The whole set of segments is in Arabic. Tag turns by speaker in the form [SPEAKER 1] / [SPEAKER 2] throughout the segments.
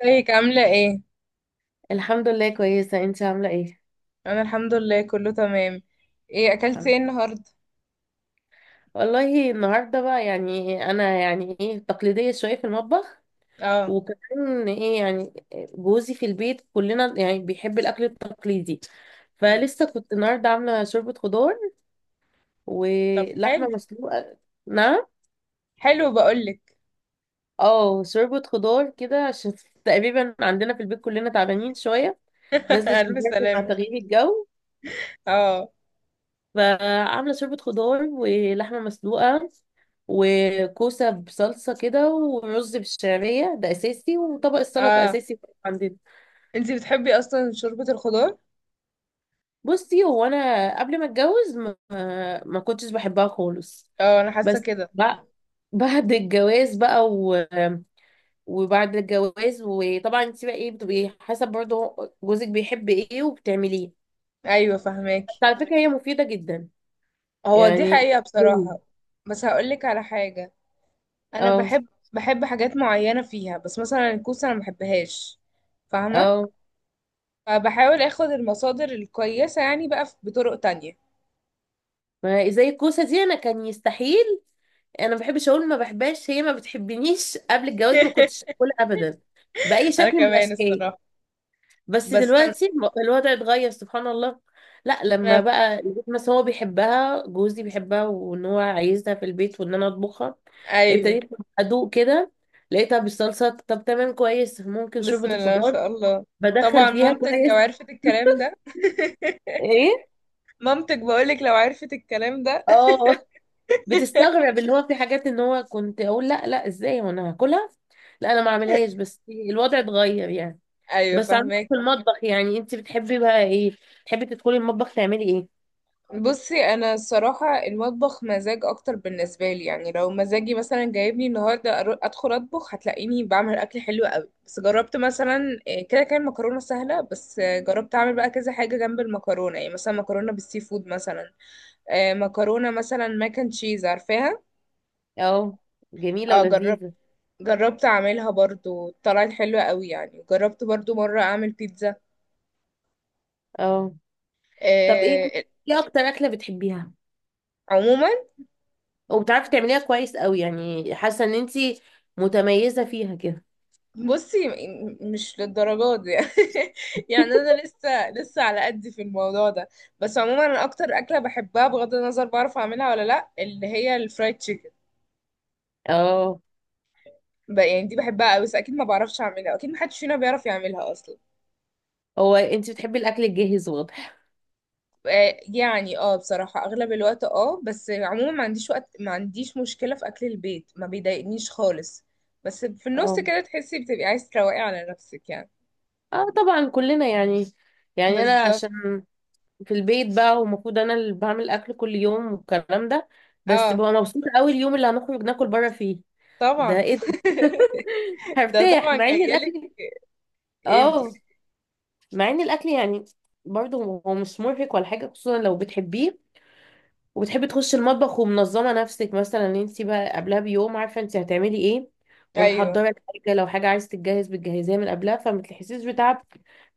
[SPEAKER 1] ازيك عاملة ايه؟
[SPEAKER 2] الحمد لله كويسة، انت عاملة ايه؟
[SPEAKER 1] انا الحمد لله كله تمام. ايه اكلتي
[SPEAKER 2] الحمد.
[SPEAKER 1] ايه النهاردة؟
[SPEAKER 2] والله النهاردة بقى يعني انا يعني ايه تقليدية شوية في المطبخ.
[SPEAKER 1] اه.
[SPEAKER 2] وكمان ايه يعني جوزي في البيت كلنا يعني بيحب الاكل التقليدي.
[SPEAKER 1] مم.
[SPEAKER 2] فلسه كنت النهاردة عاملة شوربة خضار
[SPEAKER 1] طب
[SPEAKER 2] ولحمة
[SPEAKER 1] حلو.
[SPEAKER 2] مسلوقة. نعم.
[SPEAKER 1] حلو بقولك.
[SPEAKER 2] اه، شوربة خضار كده عشان تقريبا عندنا في البيت كلنا تعبانين شوية. نزلت
[SPEAKER 1] الف
[SPEAKER 2] البرد مع
[SPEAKER 1] سلامة.
[SPEAKER 2] تغيير الجو.
[SPEAKER 1] اه.
[SPEAKER 2] فعاملة شوربة خضار ولحمة مسلوقة وكوسة بصلصة كده ورز بالشعرية ده أساسي وطبق السلطة
[SPEAKER 1] اه
[SPEAKER 2] أساسي عندنا.
[SPEAKER 1] انتي بتحبي اصلا شوربة الخضار؟
[SPEAKER 2] بصي، هو أنا قبل ما أتجوز ما كنتش بحبها خالص.
[SPEAKER 1] اه انا حاسة
[SPEAKER 2] بس
[SPEAKER 1] كده.
[SPEAKER 2] بقى بعد الجواز بقى وبعد الجواز وطبعا انت بقى ايه بتبقي حسب برضه جوزك بيحب ايه وبتعمليه.
[SPEAKER 1] ايوه
[SPEAKER 2] بس
[SPEAKER 1] فهماكي.
[SPEAKER 2] على فكرة هي مفيدة جدا
[SPEAKER 1] هو دي
[SPEAKER 2] يعني.
[SPEAKER 1] حقيقة بصراحة. بس هقولك على حاجة، انا
[SPEAKER 2] اه.
[SPEAKER 1] بحب حاجات معينة فيها، بس مثلا الكوسة انا مبحبهاش. فاهمة؟
[SPEAKER 2] اه،
[SPEAKER 1] فبحاول اخد المصادر الكويسة يعني بقى بطرق تانية.
[SPEAKER 2] ما هي زي الكوسه دي انا كان يستحيل. انا ما بحبش اقول ما بحبهاش، هي ما بتحبنيش. قبل الجواز ما كنتش اكلها ابدا باي
[SPEAKER 1] انا
[SPEAKER 2] شكل من
[SPEAKER 1] كمان
[SPEAKER 2] الاشكال.
[SPEAKER 1] الصراحة.
[SPEAKER 2] بس
[SPEAKER 1] بس
[SPEAKER 2] دلوقتي الوضع اتغير سبحان الله. لا، لما
[SPEAKER 1] ما-
[SPEAKER 2] بقى البيت مثلا هو بيحبها، جوزي بيحبها وان هو عايزها في البيت وان انا اطبخها،
[SPEAKER 1] ايوه.
[SPEAKER 2] ابتديت ادوق كده. لقيتها بالصلصه طب تمام كويس، ممكن
[SPEAKER 1] بسم
[SPEAKER 2] شوربه
[SPEAKER 1] الله ما
[SPEAKER 2] الخضار
[SPEAKER 1] شاء الله.
[SPEAKER 2] بدخل
[SPEAKER 1] طبعا
[SPEAKER 2] فيها
[SPEAKER 1] مامتك لو
[SPEAKER 2] كويس.
[SPEAKER 1] عرفت الكلام ده.
[SPEAKER 2] ايه.
[SPEAKER 1] مامتك بقولك لو عرفت الكلام ده.
[SPEAKER 2] اه، بتستغرب اللي هو في حاجات ان هو كنت اقول لا ازاي وانا هاكلها؟ لا انا ما اعملهاش، بس الوضع اتغير يعني.
[SPEAKER 1] ايوه
[SPEAKER 2] بس عموما
[SPEAKER 1] فهماك.
[SPEAKER 2] في المطبخ يعني انت بتحبي بقى ايه؟ بتحبي تدخلي المطبخ تعملي ايه؟
[SPEAKER 1] بصي انا الصراحه المطبخ مزاج اكتر بالنسبه لي، يعني لو مزاجي مثلا جايبني النهارده ادخل اطبخ هتلاقيني بعمل اكل حلو قوي. بس جربت مثلا إيه، كده كان مكرونه سهله، بس جربت اعمل بقى كذا حاجه جنب المكرونه، يعني مثلا مكرونه بالسي فود مثلا. مكرونه مثلا ماك اند تشيز عارفاها.
[SPEAKER 2] اه، جميلة
[SPEAKER 1] اه جربت.
[SPEAKER 2] ولذيذة.
[SPEAKER 1] جربت اعملها برضو طلعت حلوة قوي. يعني جربت برضو مرة اعمل بيتزا.
[SPEAKER 2] اه، طب ايه،
[SPEAKER 1] آه.
[SPEAKER 2] ايه اكتر اكلة بتحبيها
[SPEAKER 1] عموما
[SPEAKER 2] وبتعرفي تعمليها كويس قوي يعني حاسة ان انت متميزة فيها كده؟
[SPEAKER 1] بصي مش للدرجات دي. يعني انا لسه على قد في الموضوع ده. بس عموما انا اكتر اكلة بحبها بغض النظر بعرف اعملها ولا لا، اللي هي الفرايد تشيكن.
[SPEAKER 2] اه،
[SPEAKER 1] يعني دي بحبها قوي، بس اكيد ما بعرفش اعملها، اكيد محدش فينا بيعرف يعملها اصلا.
[SPEAKER 2] هو انت بتحبي الاكل الجاهز واضح.
[SPEAKER 1] يعني اه بصراحة اغلب الوقت اه، بس عموما ما عنديش وقت. ما عنديش مشكلة في اكل البيت، ما بيضايقنيش خالص. بس في النص
[SPEAKER 2] اه،
[SPEAKER 1] كده تحسي بتبقي عايز تروقي على نفسك يعني.
[SPEAKER 2] اه طبعا كلنا يعني. يعني انا
[SPEAKER 1] بالظبط.
[SPEAKER 2] عشان في البيت بقى ومفروض انا اللي بعمل اكل كل يوم والكلام ده، بس
[SPEAKER 1] اه
[SPEAKER 2] ببقى مبسوطه قوي اليوم اللي هنخرج ناكل بره فيه. ده
[SPEAKER 1] طبعا.
[SPEAKER 2] ايه ده؟
[SPEAKER 1] ده
[SPEAKER 2] هرتاح
[SPEAKER 1] طبعا
[SPEAKER 2] مع ان
[SPEAKER 1] جايلك.
[SPEAKER 2] الاكل،
[SPEAKER 1] ايه
[SPEAKER 2] اه،
[SPEAKER 1] بتقولي؟
[SPEAKER 2] مع ان الاكل يعني برضه هو هو مش مرهق ولا حاجه، خصوصا لو بتحبيه وبتحبي تخشي المطبخ ومنظمه نفسك مثلا ان انت بقى قبلها بيوم عارفه انت هتعملي ايه
[SPEAKER 1] ايوه.
[SPEAKER 2] ومحضره الحاجه، لو حاجه عايزه تتجهز بتجهزيها من قبلها فما تحسيش بتعب.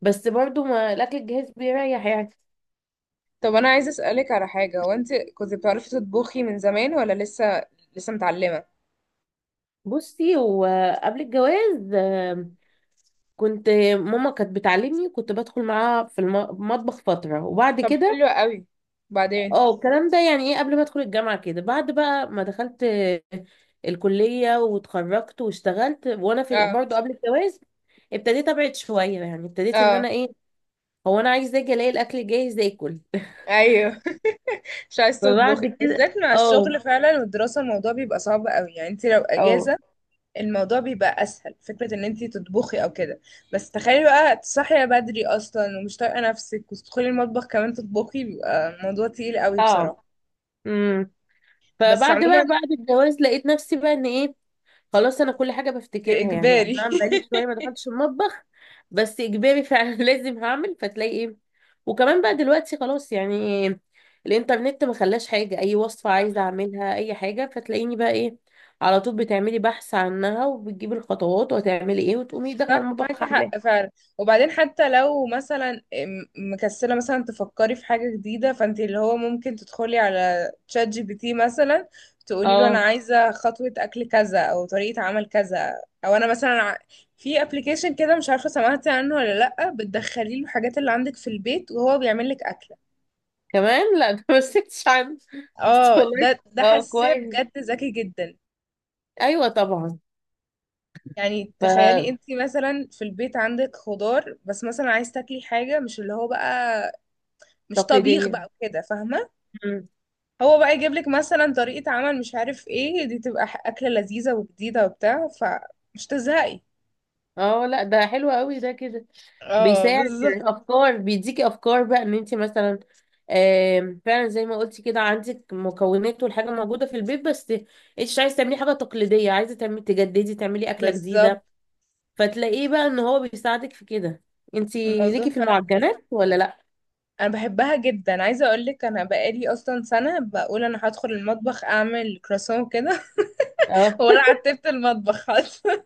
[SPEAKER 2] بس برضه ما الاكل الجاهز بيريح يعني.
[SPEAKER 1] طب انا عايزة اسألك على حاجة، هو انت كنت بتعرفي تطبخي من زمان ولا لسه؟ لسه متعلمة.
[SPEAKER 2] بصي هو قبل الجواز كنت، ماما كانت بتعلمني، كنت بدخل معاها في المطبخ فترة وبعد
[SPEAKER 1] طب
[SPEAKER 2] كده
[SPEAKER 1] حلو قوي. بعدين
[SPEAKER 2] اه الكلام ده يعني ايه قبل ما ادخل الجامعة كده. بعد بقى ما دخلت الكلية واتخرجت واشتغلت وانا في
[SPEAKER 1] اه.
[SPEAKER 2] برضه قبل الجواز ابتديت ابعد شوية. يعني ابتديت ان
[SPEAKER 1] اه.
[SPEAKER 2] انا ايه، هو انا عايز اجي الاقي الاكل جاهز اكل.
[SPEAKER 1] ايوه. مش عايز تطبخي،
[SPEAKER 2] فبعد كده
[SPEAKER 1] بالذات مع
[SPEAKER 2] اه.
[SPEAKER 1] الشغل فعلا والدراسة الموضوع بيبقى صعب قوي. يعني انت لو
[SPEAKER 2] اه
[SPEAKER 1] اجازة الموضوع بيبقى اسهل فكره ان انتي تطبخي او كده. بس تخيلي بقى تصحي بدري اصلا ومش طايقه نفسك وتدخلي المطبخ كمان تطبخي، بيبقى الموضوع تقيل قوي
[SPEAKER 2] صعب.
[SPEAKER 1] بصراحه.
[SPEAKER 2] امم
[SPEAKER 1] بس
[SPEAKER 2] فبعد
[SPEAKER 1] عموما
[SPEAKER 2] بقى بعد الجواز لقيت نفسي بقى ان ايه، خلاص انا كل حاجه
[SPEAKER 1] دي
[SPEAKER 2] بفتكرها. يعني انا
[SPEAKER 1] اجباري.
[SPEAKER 2] عم بقالي شويه ما دخلتش المطبخ، بس اجباري فعلا. لازم هعمل فتلاقي ايه. وكمان بقى دلوقتي خلاص يعني الانترنت ما خلاش حاجه، اي وصفه
[SPEAKER 1] صح.
[SPEAKER 2] عايزه اعملها اي حاجه فتلاقيني بقى ايه، على طول بتعملي بحث عنها وبتجيبي الخطوات وهتعملي ايه وتقومي داخله
[SPEAKER 1] صح
[SPEAKER 2] المطبخ
[SPEAKER 1] معاكي
[SPEAKER 2] عاملاها.
[SPEAKER 1] حق فعلا. وبعدين حتى لو مثلا مكسله مثلا تفكري في حاجه جديده، فانت اللي هو ممكن تدخلي على تشات جي بي تي مثلا. تقولي له انا
[SPEAKER 2] اه،
[SPEAKER 1] عايزه خطوه اكل كذا او طريقه عمل كذا. او انا مثلا في ابلكيشن كده مش عارفه سمعتي عنه ولا لا، بتدخلي له الحاجات اللي عندك في البيت وهو بيعمل لك اكله.
[SPEAKER 2] كمان لا ده ما سكتش عنه. بس
[SPEAKER 1] اه
[SPEAKER 2] والله.
[SPEAKER 1] ده
[SPEAKER 2] اه،
[SPEAKER 1] حاسه
[SPEAKER 2] كويس.
[SPEAKER 1] بجد ذكي جدا.
[SPEAKER 2] ايوه طبعا.
[SPEAKER 1] يعني تخيلي انت مثلا في البيت عندك خضار، بس مثلا عايز تاكلي حاجه مش اللي هو بقى مش طبيخ
[SPEAKER 2] فتقليديه.
[SPEAKER 1] بقى وكده فاهمة. هو بقى يجيب لك مثلا طريقة عمل مش عارف ايه، دي تبقى أكلة لذيذة وجديدة وبتاع، فمش تزهقي.
[SPEAKER 2] اه لا، ده حلو قوي ده كده.
[SPEAKER 1] اه
[SPEAKER 2] بيساعد
[SPEAKER 1] بالظبط.
[SPEAKER 2] يعني افكار، بيديكي افكار بقى ان انت مثلا فعلا زي ما قلتي كده عندك مكونات والحاجه موجوده في البيت، بس انت مش عايزه تعملي حاجه تقليديه، عايزه تعملي تجددي تعملي اكله
[SPEAKER 1] بالظبط.
[SPEAKER 2] جديده فتلاقيه بقى ان هو بيساعدك في كده. انت
[SPEAKER 1] الموضوع
[SPEAKER 2] ليكي في
[SPEAKER 1] فعلا حلو.
[SPEAKER 2] المعجنات ولا لا؟
[SPEAKER 1] انا بحبها جدا، عايزه اقول لك انا بقالي اصلا سنه بقول انا هدخل المطبخ اعمل كراسون كده.
[SPEAKER 2] اه.
[SPEAKER 1] ولا عتبت المطبخ اصلا.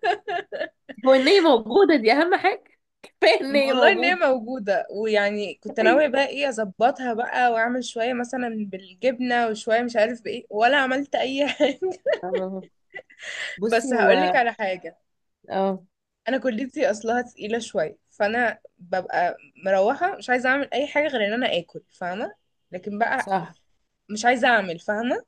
[SPEAKER 2] هو ان هي موجوده دي اهم حاجه، كفايه ان هي
[SPEAKER 1] والله ان هي
[SPEAKER 2] موجوده.
[SPEAKER 1] موجوده، ويعني كنت ناويه بقى ايه اظبطها بقى واعمل شويه مثلا بالجبنه وشويه مش عارف بايه، ولا عملت اي حاجه.
[SPEAKER 2] اه. بصي
[SPEAKER 1] بس
[SPEAKER 2] هو
[SPEAKER 1] هقول لك على حاجه،
[SPEAKER 2] اه
[SPEAKER 1] انا كليتي اصلها تقيله شويه، فانا ببقى مروحه مش عايزه اعمل اي حاجه غير ان انا اكل فاهمه. لكن بقى
[SPEAKER 2] صح.
[SPEAKER 1] مش عايزه اعمل فاهمه.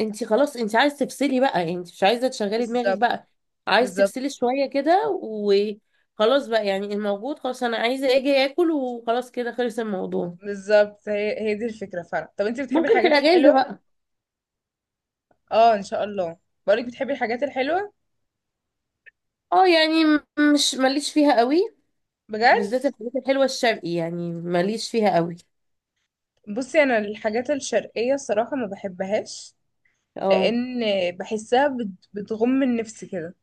[SPEAKER 2] انت خلاص انت عايز تفصلي بقى، انت مش عايزه تشغلي دماغك
[SPEAKER 1] بالظبط.
[SPEAKER 2] بقى، عايز
[SPEAKER 1] بالظبط.
[SPEAKER 2] تفصلي شويه كده وخلاص بقى. يعني الموجود خلاص انا عايزه اجي اكل وخلاص كده خلص الموضوع.
[SPEAKER 1] بالظبط هي دي الفكره فعلا. طب انت بتحبي
[SPEAKER 2] ممكن في
[SPEAKER 1] الحاجات
[SPEAKER 2] الاجازه
[SPEAKER 1] الحلوه؟
[SPEAKER 2] بقى.
[SPEAKER 1] اه ان شاء الله. بقولك بتحبي الحاجات الحلوه؟
[SPEAKER 2] اه، يعني مش ماليش فيها قوي.
[SPEAKER 1] بجد.
[SPEAKER 2] بالذات الحاجات الحلوه الشرقي يعني ماليش فيها قوي.
[SPEAKER 1] بصي انا الحاجات الشرقيه الصراحه ما بحبهاش،
[SPEAKER 2] اه.
[SPEAKER 1] لان بحسها بتغم من نفسي كده.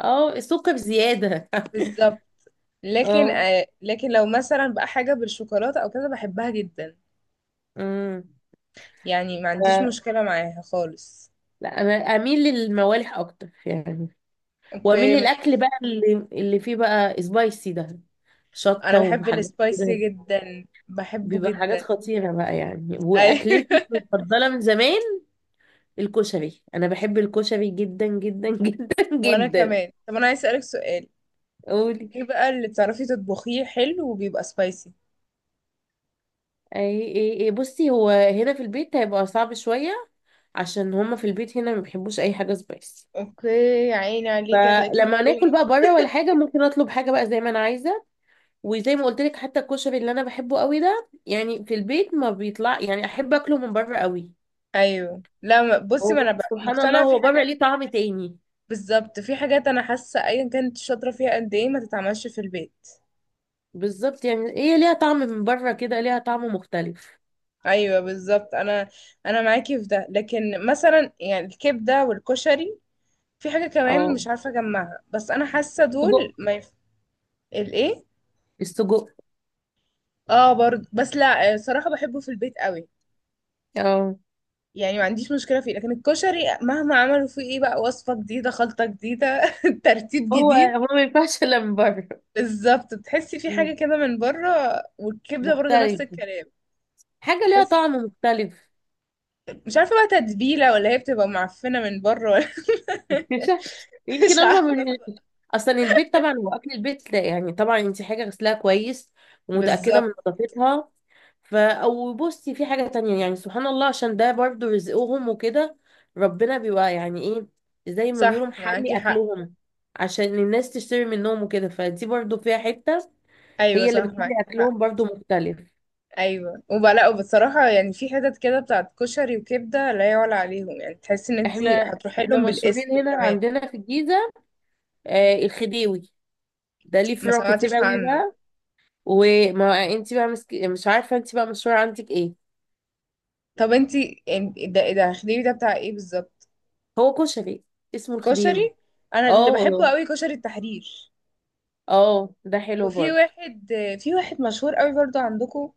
[SPEAKER 2] اه، السكر بزياده.
[SPEAKER 1] بالظبط. لكن
[SPEAKER 2] اه.
[SPEAKER 1] آه، لكن لو مثلا بقى حاجه بالشوكولاته او كده بحبها جدا.
[SPEAKER 2] امم.
[SPEAKER 1] يعني ما عنديش
[SPEAKER 2] ف-
[SPEAKER 1] مشكلة معاها خالص.
[SPEAKER 2] لا، انا اميل للموالح اكتر يعني، واميل
[SPEAKER 1] اوكي ماشي.
[SPEAKER 2] للاكل بقى اللي فيه بقى سبايسي ده،
[SPEAKER 1] انا
[SPEAKER 2] شطه
[SPEAKER 1] بحب
[SPEAKER 2] وحاجات كده.
[SPEAKER 1] السبايسي جدا، بحبه
[SPEAKER 2] بيبقى حاجات
[SPEAKER 1] جدا.
[SPEAKER 2] خطيره بقى. يعني
[SPEAKER 1] ايوه.
[SPEAKER 2] واكلتي المفضله من زمان الكشري، انا بحب الكشري جدا جدا جدا.
[SPEAKER 1] وانا
[SPEAKER 2] جدا.
[SPEAKER 1] كمان. طب انا عايز اسألك سؤال،
[SPEAKER 2] قولي.
[SPEAKER 1] ايه بقى اللي بتعرفي تطبخيه حلو وبيبقى سبايسي؟
[SPEAKER 2] اي اي اي، بصي هو هنا في البيت هيبقى صعب شويه عشان هما في البيت هنا ما بيحبوش اي حاجه سبايسي.
[SPEAKER 1] اوكي. يا عيني عليكي هتلاقيكي
[SPEAKER 2] فلما ناكل
[SPEAKER 1] محرومة.
[SPEAKER 2] بقى بره ولا حاجه ممكن اطلب حاجه بقى زي ما انا عايزه. وزي ما قلت لك حتى الكشري اللي انا بحبه قوي ده يعني في البيت ما بيطلع، يعني احب اكله من بره قوي.
[SPEAKER 1] ايوه لا بصي
[SPEAKER 2] هو
[SPEAKER 1] ما انا بقى
[SPEAKER 2] سبحان الله
[SPEAKER 1] مقتنعة في
[SPEAKER 2] هو بره
[SPEAKER 1] حاجات.
[SPEAKER 2] ليه طعم تاني.
[SPEAKER 1] بالظبط. في حاجات انا حاسة ايا كانت شاطرة فيها قد ايه ما تتعملش في البيت.
[SPEAKER 2] بالظبط، يعني هي ليها طعم من بره كده، ليها طعم مختلف.
[SPEAKER 1] ايوه بالظبط. انا انا معاكي في ده. لكن مثلا يعني الكبدة والكشري، في حاجة كمان
[SPEAKER 2] اه،
[SPEAKER 1] مش عارفة اجمعها، بس انا حاسة
[SPEAKER 2] سجق.
[SPEAKER 1] دول ما يف... الايه؟
[SPEAKER 2] السجق.
[SPEAKER 1] اه برضه. بس لا آه، صراحة بحبه في البيت قوي.
[SPEAKER 2] اه،
[SPEAKER 1] يعني ما عنديش مشكلة فيه. لكن الكشري مهما عملوا فيه ايه بقى وصفة جديدة، خلطة جديدة، ترتيب
[SPEAKER 2] هو
[SPEAKER 1] جديد.
[SPEAKER 2] هو ما ينفعش الا من بره.
[SPEAKER 1] بالظبط. بتحسي في
[SPEAKER 2] مم.
[SPEAKER 1] حاجة كده من بره. والكبدة برضه نفس
[SPEAKER 2] مختلف،
[SPEAKER 1] الكلام.
[SPEAKER 2] حاجة ليها
[SPEAKER 1] تحسي.
[SPEAKER 2] طعم مختلف.
[SPEAKER 1] مش عارفة بقى تتبيلة، ولا هي بتبقى معفنة من بره، ولا
[SPEAKER 2] مش عارف. يمكن
[SPEAKER 1] مش
[SPEAKER 2] هما
[SPEAKER 1] عارفة
[SPEAKER 2] من...
[SPEAKER 1] الصراحة.
[SPEAKER 2] اصلا البيت طبعا هو اكل البيت لا، يعني طبعا انت حاجة غسلها كويس ومتأكدة
[SPEAKER 1] بالظبط.
[SPEAKER 2] من نظافتها. فا او بصي في حاجة تانية يعني سبحان الله، عشان ده برضو رزقهم وكده، ربنا بيبقى يعني ايه زي ما
[SPEAKER 1] صح
[SPEAKER 2] بيقولوا
[SPEAKER 1] معاكي
[SPEAKER 2] محلي
[SPEAKER 1] حق.
[SPEAKER 2] اكلهم عشان الناس تشتري منهم وكده، فدي برضو فيها حتة
[SPEAKER 1] ايوه
[SPEAKER 2] هي
[SPEAKER 1] صح
[SPEAKER 2] اللي
[SPEAKER 1] معاكي
[SPEAKER 2] بتخلي
[SPEAKER 1] حق.
[SPEAKER 2] اكلهم برضو مختلف.
[SPEAKER 1] ايوه وبقى لا، وبصراحه يعني في حتت كده بتاعت كشري وكبده لا يعلى عليهم. يعني تحسي ان انتي
[SPEAKER 2] احنا
[SPEAKER 1] هتروحي
[SPEAKER 2] احنا
[SPEAKER 1] لهم بالاسم
[SPEAKER 2] مشهورين هنا
[SPEAKER 1] كمان.
[SPEAKER 2] عندنا في الجيزة، آه الخديوي، ده ليه
[SPEAKER 1] ما
[SPEAKER 2] فروع كتير
[SPEAKER 1] سمعتش
[SPEAKER 2] قوي
[SPEAKER 1] عنه.
[SPEAKER 2] بقى. وما انت بقى مسك... مش عارفة انت بقى مشهورة عندك ايه.
[SPEAKER 1] طب انتي ده ده خديوي ده بتاع ايه بالظبط؟
[SPEAKER 2] هو كشري، اسمه الخديوي.
[SPEAKER 1] كشري؟ انا اللي
[SPEAKER 2] اه.
[SPEAKER 1] بحبه قوي كشري التحرير.
[SPEAKER 2] اه ده حلو
[SPEAKER 1] وفي
[SPEAKER 2] برضه.
[SPEAKER 1] واحد. في واحد مشهور قوي برضو عندكم،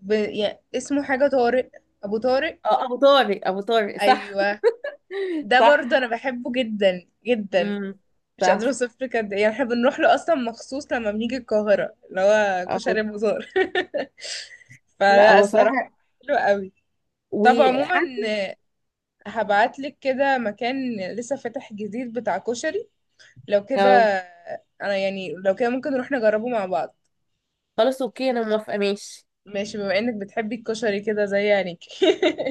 [SPEAKER 1] ب... يعني اسمه حاجه طارق. ابو طارق.
[SPEAKER 2] اه، ابو طارق، ابو طارق صح.
[SPEAKER 1] ايوه ده برضو
[SPEAKER 2] صح.
[SPEAKER 1] انا بحبه جدا جدا.
[SPEAKER 2] امم.
[SPEAKER 1] مش قادرة
[SPEAKER 2] صح،
[SPEAKER 1] اوصف لك قد ايه، يعني احنا بنروح له اصلا مخصوص لما بنيجي القاهرة، اللي هو
[SPEAKER 2] اهو.
[SPEAKER 1] كشري أبو زار.
[SPEAKER 2] لا
[SPEAKER 1] فلا
[SPEAKER 2] هو صراحة
[SPEAKER 1] الصراحة حلو قوي. طب عموما
[SPEAKER 2] وعارف.
[SPEAKER 1] هبعت لك كده مكان لسه فاتح جديد بتاع كشري، لو كده
[SPEAKER 2] اهو،
[SPEAKER 1] انا يعني لو كده ممكن نروح نجربه مع بعض.
[SPEAKER 2] خلاص اوكي انا موافقة ماشي.
[SPEAKER 1] ماشي. بما انك بتحبي الكشري كده زي يعني.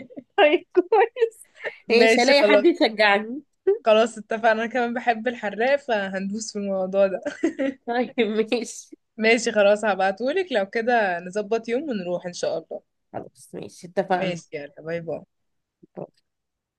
[SPEAKER 2] طيب كويس. ماشي،
[SPEAKER 1] ماشي
[SPEAKER 2] هلاقي حد
[SPEAKER 1] خلاص.
[SPEAKER 2] يشجعني.
[SPEAKER 1] خلاص اتفقنا. انا كمان بحب الحراق، فهندوس في الموضوع ده.
[SPEAKER 2] طيب ماشي،
[SPEAKER 1] ماشي خلاص هبعتهولك لو كده نظبط يوم ونروح ان شاء الله.
[SPEAKER 2] خلاص ماشي، اتفقنا.
[SPEAKER 1] ماشي يلا باي باي.